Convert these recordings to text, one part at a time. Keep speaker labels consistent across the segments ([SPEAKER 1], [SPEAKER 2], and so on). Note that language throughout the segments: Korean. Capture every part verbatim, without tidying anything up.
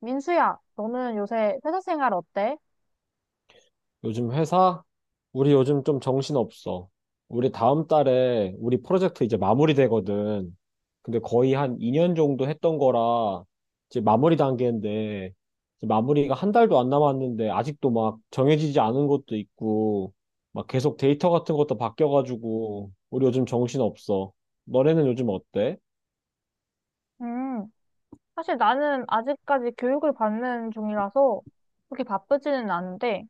[SPEAKER 1] 민수야, 너는 요새 회사 생활 어때?
[SPEAKER 2] 요즘 회사? 우리 요즘 좀 정신없어. 우리 다음 달에 우리 프로젝트 이제 마무리되거든. 근데 거의 한 이 년 정도 했던 거라 이제 마무리 단계인데, 이제 마무리가 한 달도 안 남았는데 아직도 막 정해지지 않은 것도 있고 막 계속 데이터 같은 것도 바뀌어가지고 우리 요즘 정신없어. 너네는 요즘 어때?
[SPEAKER 1] 음, 사실 나는 아직까지 교육을 받는 중이라서 그렇게 바쁘지는 않은데,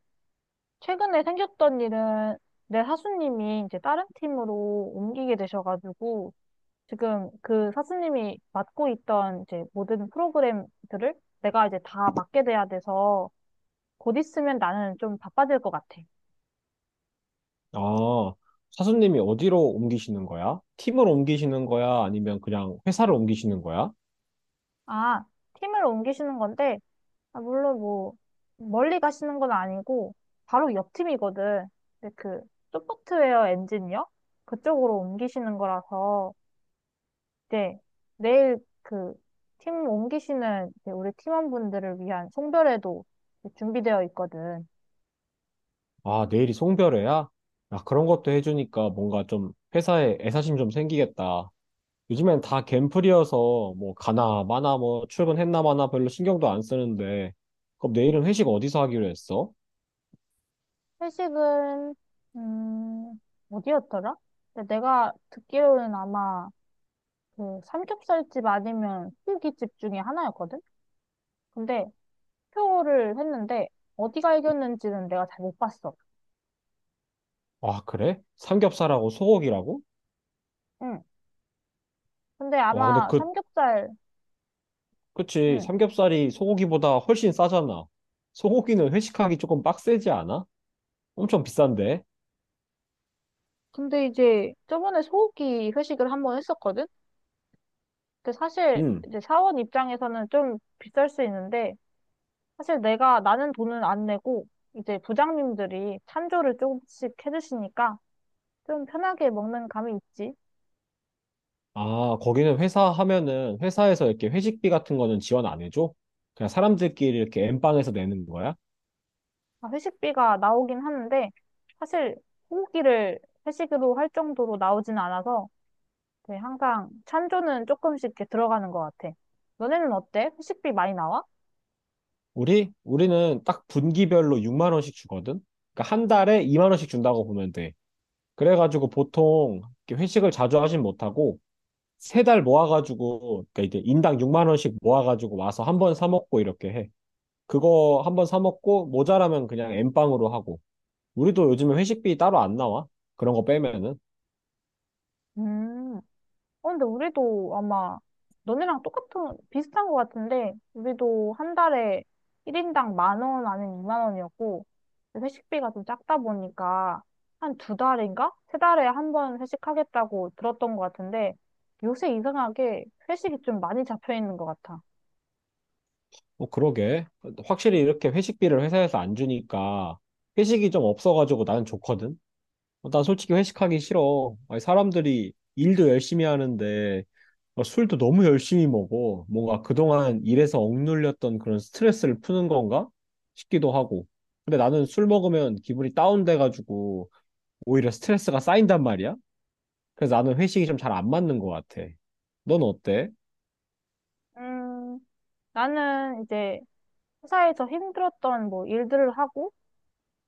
[SPEAKER 1] 최근에 생겼던 일은 내 사수님이 이제 다른 팀으로 옮기게 되셔가지고, 지금 그 사수님이 맡고 있던 이제 모든 프로그램들을 내가 이제 다 맡게 돼야 돼서, 곧 있으면 나는 좀 바빠질 것 같아.
[SPEAKER 2] 아, 사수님이 어디로 옮기시는 거야? 팀을 옮기시는 거야? 아니면 그냥 회사를 옮기시는 거야?
[SPEAKER 1] 아, 팀을 옮기시는 건데, 아, 물론 뭐 멀리 가시는 건 아니고 바로 옆 팀이거든. 근데 그 소프트웨어 엔지니어 그쪽으로 옮기시는 거라서 이제 내일 그 팀 옮기시는 이제 우리 팀원분들을 위한 송별회도 이제 준비되어 있거든.
[SPEAKER 2] 아, 내일이 송별회야? 아, 그런 것도 해주니까 뭔가 좀 회사에 애사심 좀 생기겠다. 요즘엔 다 갠플이어서 뭐 가나 마나 뭐 출근했나 마나 별로 신경도 안 쓰는데, 그럼 내일은 회식 어디서 하기로 했어?
[SPEAKER 1] 회식은 음 어디였더라? 근데 내가 듣기로는 아마 그 삼겹살집 아니면 후기집 중에 하나였거든. 근데 투표를 했는데 어디가 이겼는지는 내가 잘 못 봤어.
[SPEAKER 2] 아, 그래? 삼겹살하고 소고기라고?
[SPEAKER 1] 응. 근데
[SPEAKER 2] 와, 근데
[SPEAKER 1] 아마
[SPEAKER 2] 그,
[SPEAKER 1] 삼겹살.
[SPEAKER 2] 그치.
[SPEAKER 1] 응.
[SPEAKER 2] 삼겹살이 소고기보다 훨씬 싸잖아. 소고기는 회식하기 조금 빡세지 않아? 엄청 비싼데?
[SPEAKER 1] 근데 이제 저번에 소고기 회식을 한번 했었거든. 근데 사실
[SPEAKER 2] 응.
[SPEAKER 1] 이제 사원 입장에서는 좀 비쌀 수 있는데 사실 내가 나는 돈은 안 내고 이제 부장님들이 찬조를 조금씩 해주시니까 좀 편하게 먹는 감이 있지.
[SPEAKER 2] 아, 거기는 회사 하면은 회사에서 이렇게 회식비 같은 거는 지원 안 해줘? 그냥 사람들끼리 이렇게 엠빵에서 내는 거야?
[SPEAKER 1] 아, 회식비가 나오긴 하는데 사실 소고기를 회식으로 할 정도로 나오진 않아서 네, 항상 찬조는 조금씩 이렇게 들어가는 것 같아. 너네는 어때? 회식비 많이 나와?
[SPEAKER 2] 우리 우리는 딱 분기별로 육만 원씩 주거든. 그러니까 한 달에 이만 원씩 준다고 보면 돼. 그래가지고 보통 이렇게 회식을 자주 하진 못하고 세 달 모아가지고, 그러니까 이제 인당 육만 원씩 모아가지고 와서 한번 사 먹고 이렇게 해. 그거 한번 사 먹고 모자라면 그냥 엠빵으로 하고. 우리도 요즘에 회식비 따로 안 나와. 그런 거 빼면은.
[SPEAKER 1] 음, 어, 근데 우리도 아마 너네랑 똑같은, 비슷한 것 같은데, 우리도 한 달에 일 인당 만 원, 아니면 이만 원이었고, 회식비가 좀 작다 보니까, 한 두 달인가? 세 달에 한 번 회식하겠다고 들었던 것 같은데, 요새 이상하게 회식이 좀 많이 잡혀 있는 것 같아.
[SPEAKER 2] 어, 그러게. 확실히 이렇게 회식비를 회사에서 안 주니까 회식이 좀 없어가지고 나는 좋거든. 어, 난 솔직히 회식하기 싫어. 아니, 사람들이 일도 열심히 하는데 어, 술도 너무 열심히 먹어. 뭔가 그동안 일에서 억눌렸던 그런 스트레스를 푸는 건가 싶기도 하고. 근데 나는 술 먹으면 기분이 다운돼가지고 오히려 스트레스가 쌓인단 말이야. 그래서 나는 회식이 좀 잘 안 맞는 것 같아. 넌 어때?
[SPEAKER 1] 음, 나는 이제 회사에서 힘들었던 뭐 일들을 하고,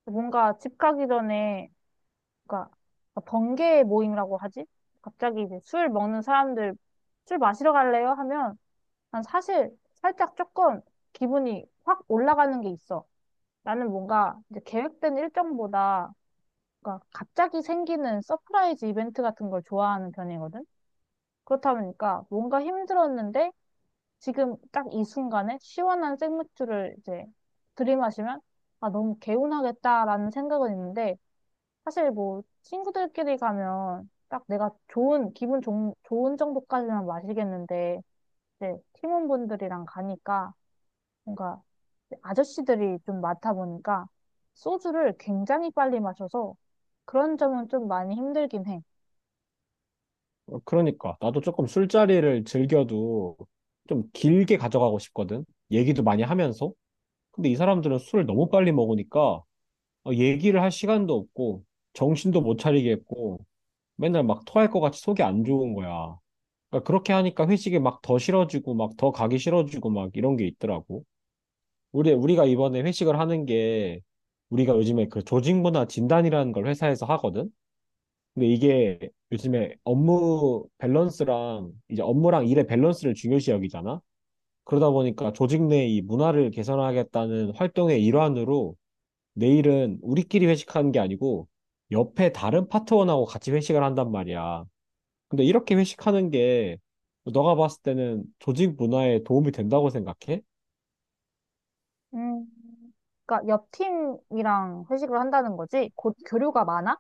[SPEAKER 1] 뭔가 집 가기 전에, 그니까, 번개 모임이라고 하지? 갑자기 이제 술 먹는 사람들 술 마시러 갈래요? 하면 난 사실 살짝 조금 기분이 확 올라가는 게 있어. 나는 뭔가 이제 계획된 일정보다 그러니까 갑자기 생기는 서프라이즈 이벤트 같은 걸 좋아하는 편이거든. 그렇다 보니까 뭔가 힘들었는데 지금 딱 이 순간에 시원한 생맥주를 이제 들이마시면 아, 너무 개운하겠다라는 생각은 있는데 사실 뭐 친구들끼리 가면 딱 내가 좋은 기분 좋은, 좋은 정도까지만 마시겠는데 이제 팀원분들이랑 가니까 뭔가 아저씨들이 좀 많다 보니까 소주를 굉장히 빨리 마셔서 그런 점은 좀 많이 힘들긴 해.
[SPEAKER 2] 어, 그러니까 나도 조금 술자리를 즐겨도 좀 길게 가져가고 싶거든. 얘기도 많이 하면서. 근데 이 사람들은 술을 너무 빨리 먹으니까 어, 얘기를 할 시간도 없고 정신도 못 차리겠고 맨날 막 토할 것 같이 속이 안 좋은 거야. 그러니까 그렇게 하니까 회식이 막 더 싫어지고 막 더 가기 싫어지고 막 이런 게 있더라고. 우리 우리가 이번에 회식을 하는 게, 우리가 요즘에 그 조직 문화 진단이라는 걸 회사에서 하거든. 근데 이게 요즘에 업무 밸런스랑 이제 업무랑 일의 밸런스를 중요시 여기잖아. 그러다 보니까 조직 내 이 문화를 개선하겠다는 활동의 일환으로 내일은 우리끼리 회식하는 게 아니고 옆에 다른 파트원하고 같이 회식을 한단 말이야. 근데 이렇게 회식하는 게 너가 봤을 때는 조직 문화에 도움이 된다고 생각해?
[SPEAKER 1] 음, 그러니까 옆 팀이랑 회식을 한다는 거지? 곧 교류가 많아?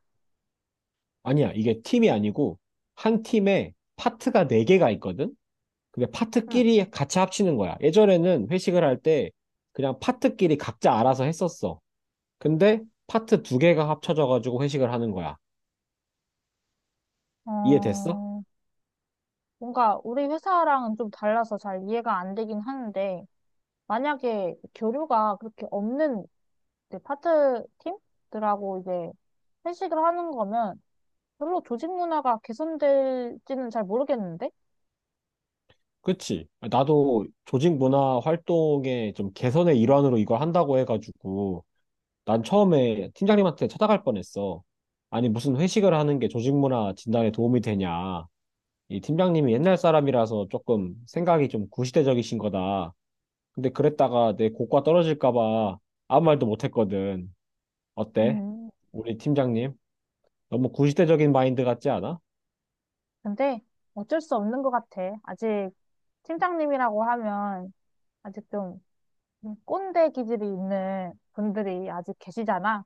[SPEAKER 2] 아니야. 이게 팀이 아니고 한 팀에 파트가 네개가 있거든? 그게
[SPEAKER 1] 응.
[SPEAKER 2] 파트끼리 같이 합치는 거야. 예전에는 회식을 할 때 그냥 파트끼리 각자 알아서 했었어. 근데 파트 두 개가 합쳐져가지고 회식을 하는 거야. 이해됐어?
[SPEAKER 1] 어, 뭔가 우리 회사랑은 좀 달라서 잘 이해가 안 되긴 하는데 만약에 교류가 그렇게 없는 이제 파트 팀들하고 이제 회식을 하는 거면 별로 조직 문화가 개선될지는 잘 모르겠는데?
[SPEAKER 2] 그치? 나도 조직 문화 활동의 좀 개선의 일환으로 이걸 한다고 해가지고 난 처음에 팀장님한테 찾아갈 뻔했어. 아니 무슨 회식을 하는 게 조직 문화 진단에 도움이 되냐. 이 팀장님이 옛날 사람이라서 조금 생각이 좀 구시대적이신 거다. 근데 그랬다가 내 고과 떨어질까봐 아무 말도 못했거든. 어때?
[SPEAKER 1] 음,
[SPEAKER 2] 우리 팀장님? 너무 구시대적인 마인드 같지 않아?
[SPEAKER 1] 근데 어쩔 수 없는 것 같아. 아직 팀장님이라고 하면 아직 좀 꼰대 기질이 있는 분들이 아직 계시잖아.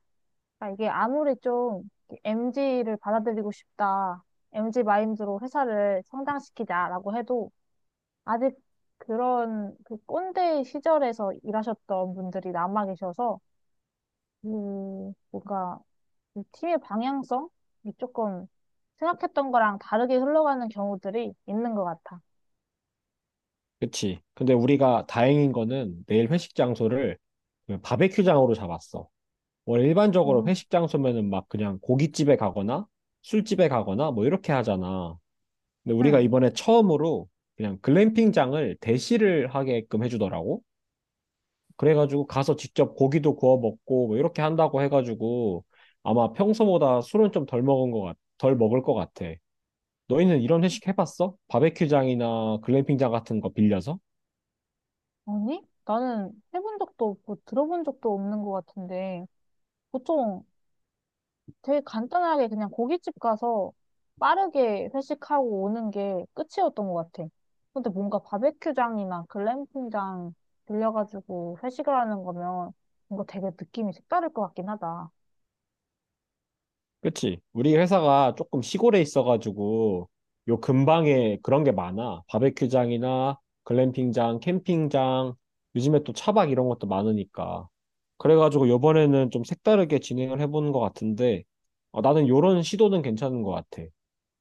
[SPEAKER 1] 그러니까 이게 아무리 좀 엠지를 받아들이고 싶다. 엠지 마인드로 회사를 성장시키자라고 해도 아직 그런 그 꼰대 시절에서 일하셨던 분들이 남아 계셔서 음, 뭔가, 이 팀의 방향성이 조금 생각했던 거랑 다르게 흘러가는 경우들이 있는 것 같아.
[SPEAKER 2] 그치? 근데 우리가 다행인 거는 내일 회식 장소를 그냥 바베큐장으로 잡았어. 원래 일반적으로
[SPEAKER 1] 음.
[SPEAKER 2] 회식 장소면은 막 그냥 고깃집에 가거나 술집에 가거나 뭐 이렇게 하잖아. 근데 우리가
[SPEAKER 1] 응.
[SPEAKER 2] 이번에 처음으로 그냥 글램핑장을 대시를 하게끔 해주더라고. 그래가지고 가서 직접 고기도 구워 먹고 뭐 이렇게 한다고 해가지고 아마 평소보다 술은 좀 덜 먹은 것 같, 덜 먹을 것 같아. 너희는 이런 회식 해봤어? 바베큐장이나 글램핑장 같은 거 빌려서?
[SPEAKER 1] 아니? 나는 해본 적도 없고 들어본 적도 없는 것 같은데, 보통 되게 간단하게 그냥 고깃집 가서 빠르게 회식하고 오는 게 끝이었던 것 같아. 근데 뭔가 바베큐장이나 글램핑장 들려가지고 회식을 하는 거면 뭔가 되게 느낌이 색다를 것 같긴 하다.
[SPEAKER 2] 그치? 우리 회사가 조금 시골에 있어가지고 요 근방에 그런 게 많아. 바베큐장이나 글램핑장, 캠핑장, 요즘에 또 차박 이런 것도 많으니까. 그래가지고 요번에는 좀 색다르게 진행을 해보는 것 같은데 어, 나는 요런 시도는 괜찮은 것 같아.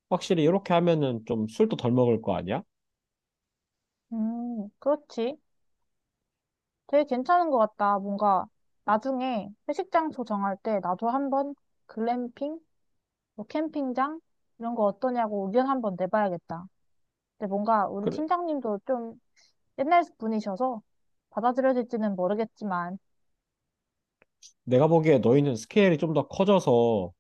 [SPEAKER 2] 확실히 이렇게 하면은 좀 술도 덜 먹을 거 아니야?
[SPEAKER 1] 음, 그렇지. 되게 괜찮은 것 같다. 뭔가 나중에 회식 장소 정할 때 나도 한번 글램핑, 뭐 캠핑장 이런 거 어떠냐고 의견 한번 내봐야겠다. 근데 뭔가 우리
[SPEAKER 2] 그래,
[SPEAKER 1] 팀장님도 좀 옛날 분이셔서 받아들여질지는 모르겠지만,
[SPEAKER 2] 내가 보기에 너희는 스케일이 좀 더 커져서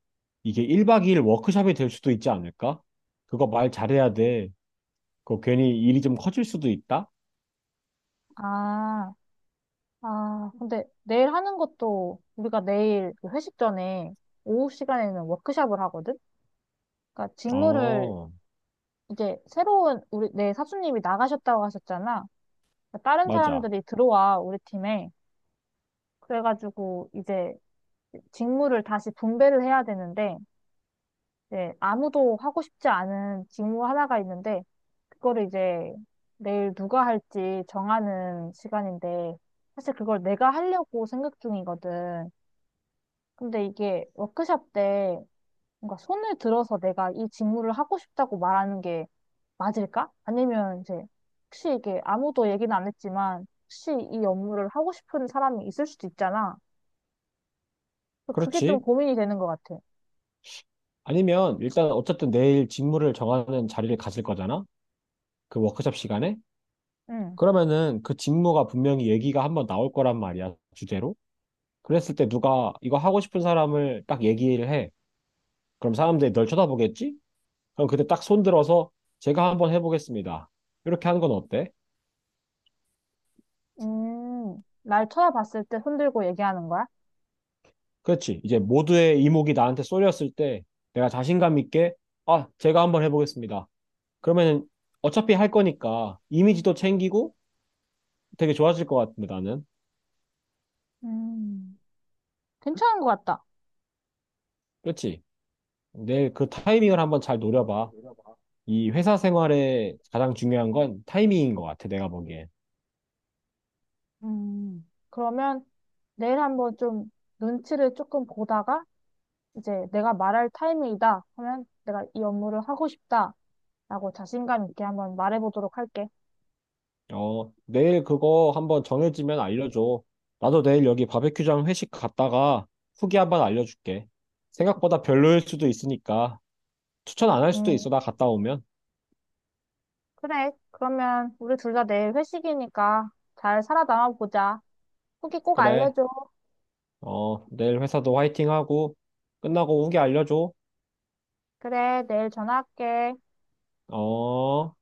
[SPEAKER 2] 이게 일 박 이 일 워크숍이 될 수도 있지 않을까? 그거 말 잘해야 돼. 그거 괜히 일이 좀 커질 수도 있다?
[SPEAKER 1] 아, 아, 근데 내일 하는 것도 우리가 내일 그 회식 전에 오후 시간에는 워크숍을 하거든? 그러니까 직무를
[SPEAKER 2] 어,
[SPEAKER 1] 이제 새로운 우리 내 사수님이 나가셨다고 하셨잖아. 그러니까 다른
[SPEAKER 2] 맞아.
[SPEAKER 1] 사람들이 들어와 우리 팀에. 그래가지고 이제 직무를 다시 분배를 해야 되는데 이제 아무도 하고 싶지 않은 직무 하나가 있는데 그거를 이제 내일 누가 할지 정하는 시간인데 사실 그걸 내가 하려고 생각 중이거든. 근데 이게 워크샵 때 뭔가 손을 들어서 내가 이 직무를 하고 싶다고 말하는 게 맞을까? 아니면 이제 혹시 이게 아무도 얘기는 안 했지만 혹시 이 업무를 하고 싶은 사람이 있을 수도 있잖아. 그래서 그게 좀
[SPEAKER 2] 그렇지.
[SPEAKER 1] 고민이 되는 것 같아.
[SPEAKER 2] 아니면 일단 어쨌든 내일 직무를 정하는 자리를 가질 거잖아? 그 워크숍 시간에?
[SPEAKER 1] 응.
[SPEAKER 2] 그러면은 그 직무가 분명히 얘기가 한번 나올 거란 말이야, 주제로. 그랬을 때 누가 이거 하고 싶은 사람을 딱 얘기를 해. 그럼 사람들이 널 쳐다보겠지? 그럼 그때 딱 손들어서 제가 한번 해보겠습니다. 이렇게 하는 건 어때?
[SPEAKER 1] 음, 날 쳐다봤을 때 손들고 얘기하는 거야?
[SPEAKER 2] 그렇지. 이제 모두의 이목이 나한테 쏠렸을 때 내가 자신감 있게 아, 제가 한번 해보겠습니다. 그러면은 어차피 할 거니까 이미지도 챙기고 되게 좋아질 것 같은데 나는.
[SPEAKER 1] 음, 괜찮은 것 같다.
[SPEAKER 2] 그렇지. 내일 그 타이밍을 한번 잘 노려봐. 이 회사 생활에 가장 중요한 건 타이밍인 것 같아, 내가 보기엔.
[SPEAKER 1] 음, 그러면 내일 한번 좀 눈치를 조금 보다가 이제 내가 말할 타이밍이다 하면 내가 이 업무를 하고 싶다라고 자신감 있게 한번 말해보도록 할게.
[SPEAKER 2] 어, 내일 그거 한번 정해지면 알려줘. 나도 내일 여기 바베큐장 회식 갔다가 후기 한번 알려줄게. 생각보다 별로일 수도 있으니까 추천 안 할 수도
[SPEAKER 1] 음,
[SPEAKER 2] 있어, 나 갔다 오면.
[SPEAKER 1] 그래. 그러면 우리 둘 다 내일 회식이니까 잘 살아남아 보자. 후기 꼭
[SPEAKER 2] 그래.
[SPEAKER 1] 알려줘.
[SPEAKER 2] 어, 내일 회사도 화이팅 하고 끝나고 후기 알려줘.
[SPEAKER 1] 그래, 내일 전화할게.
[SPEAKER 2] 어.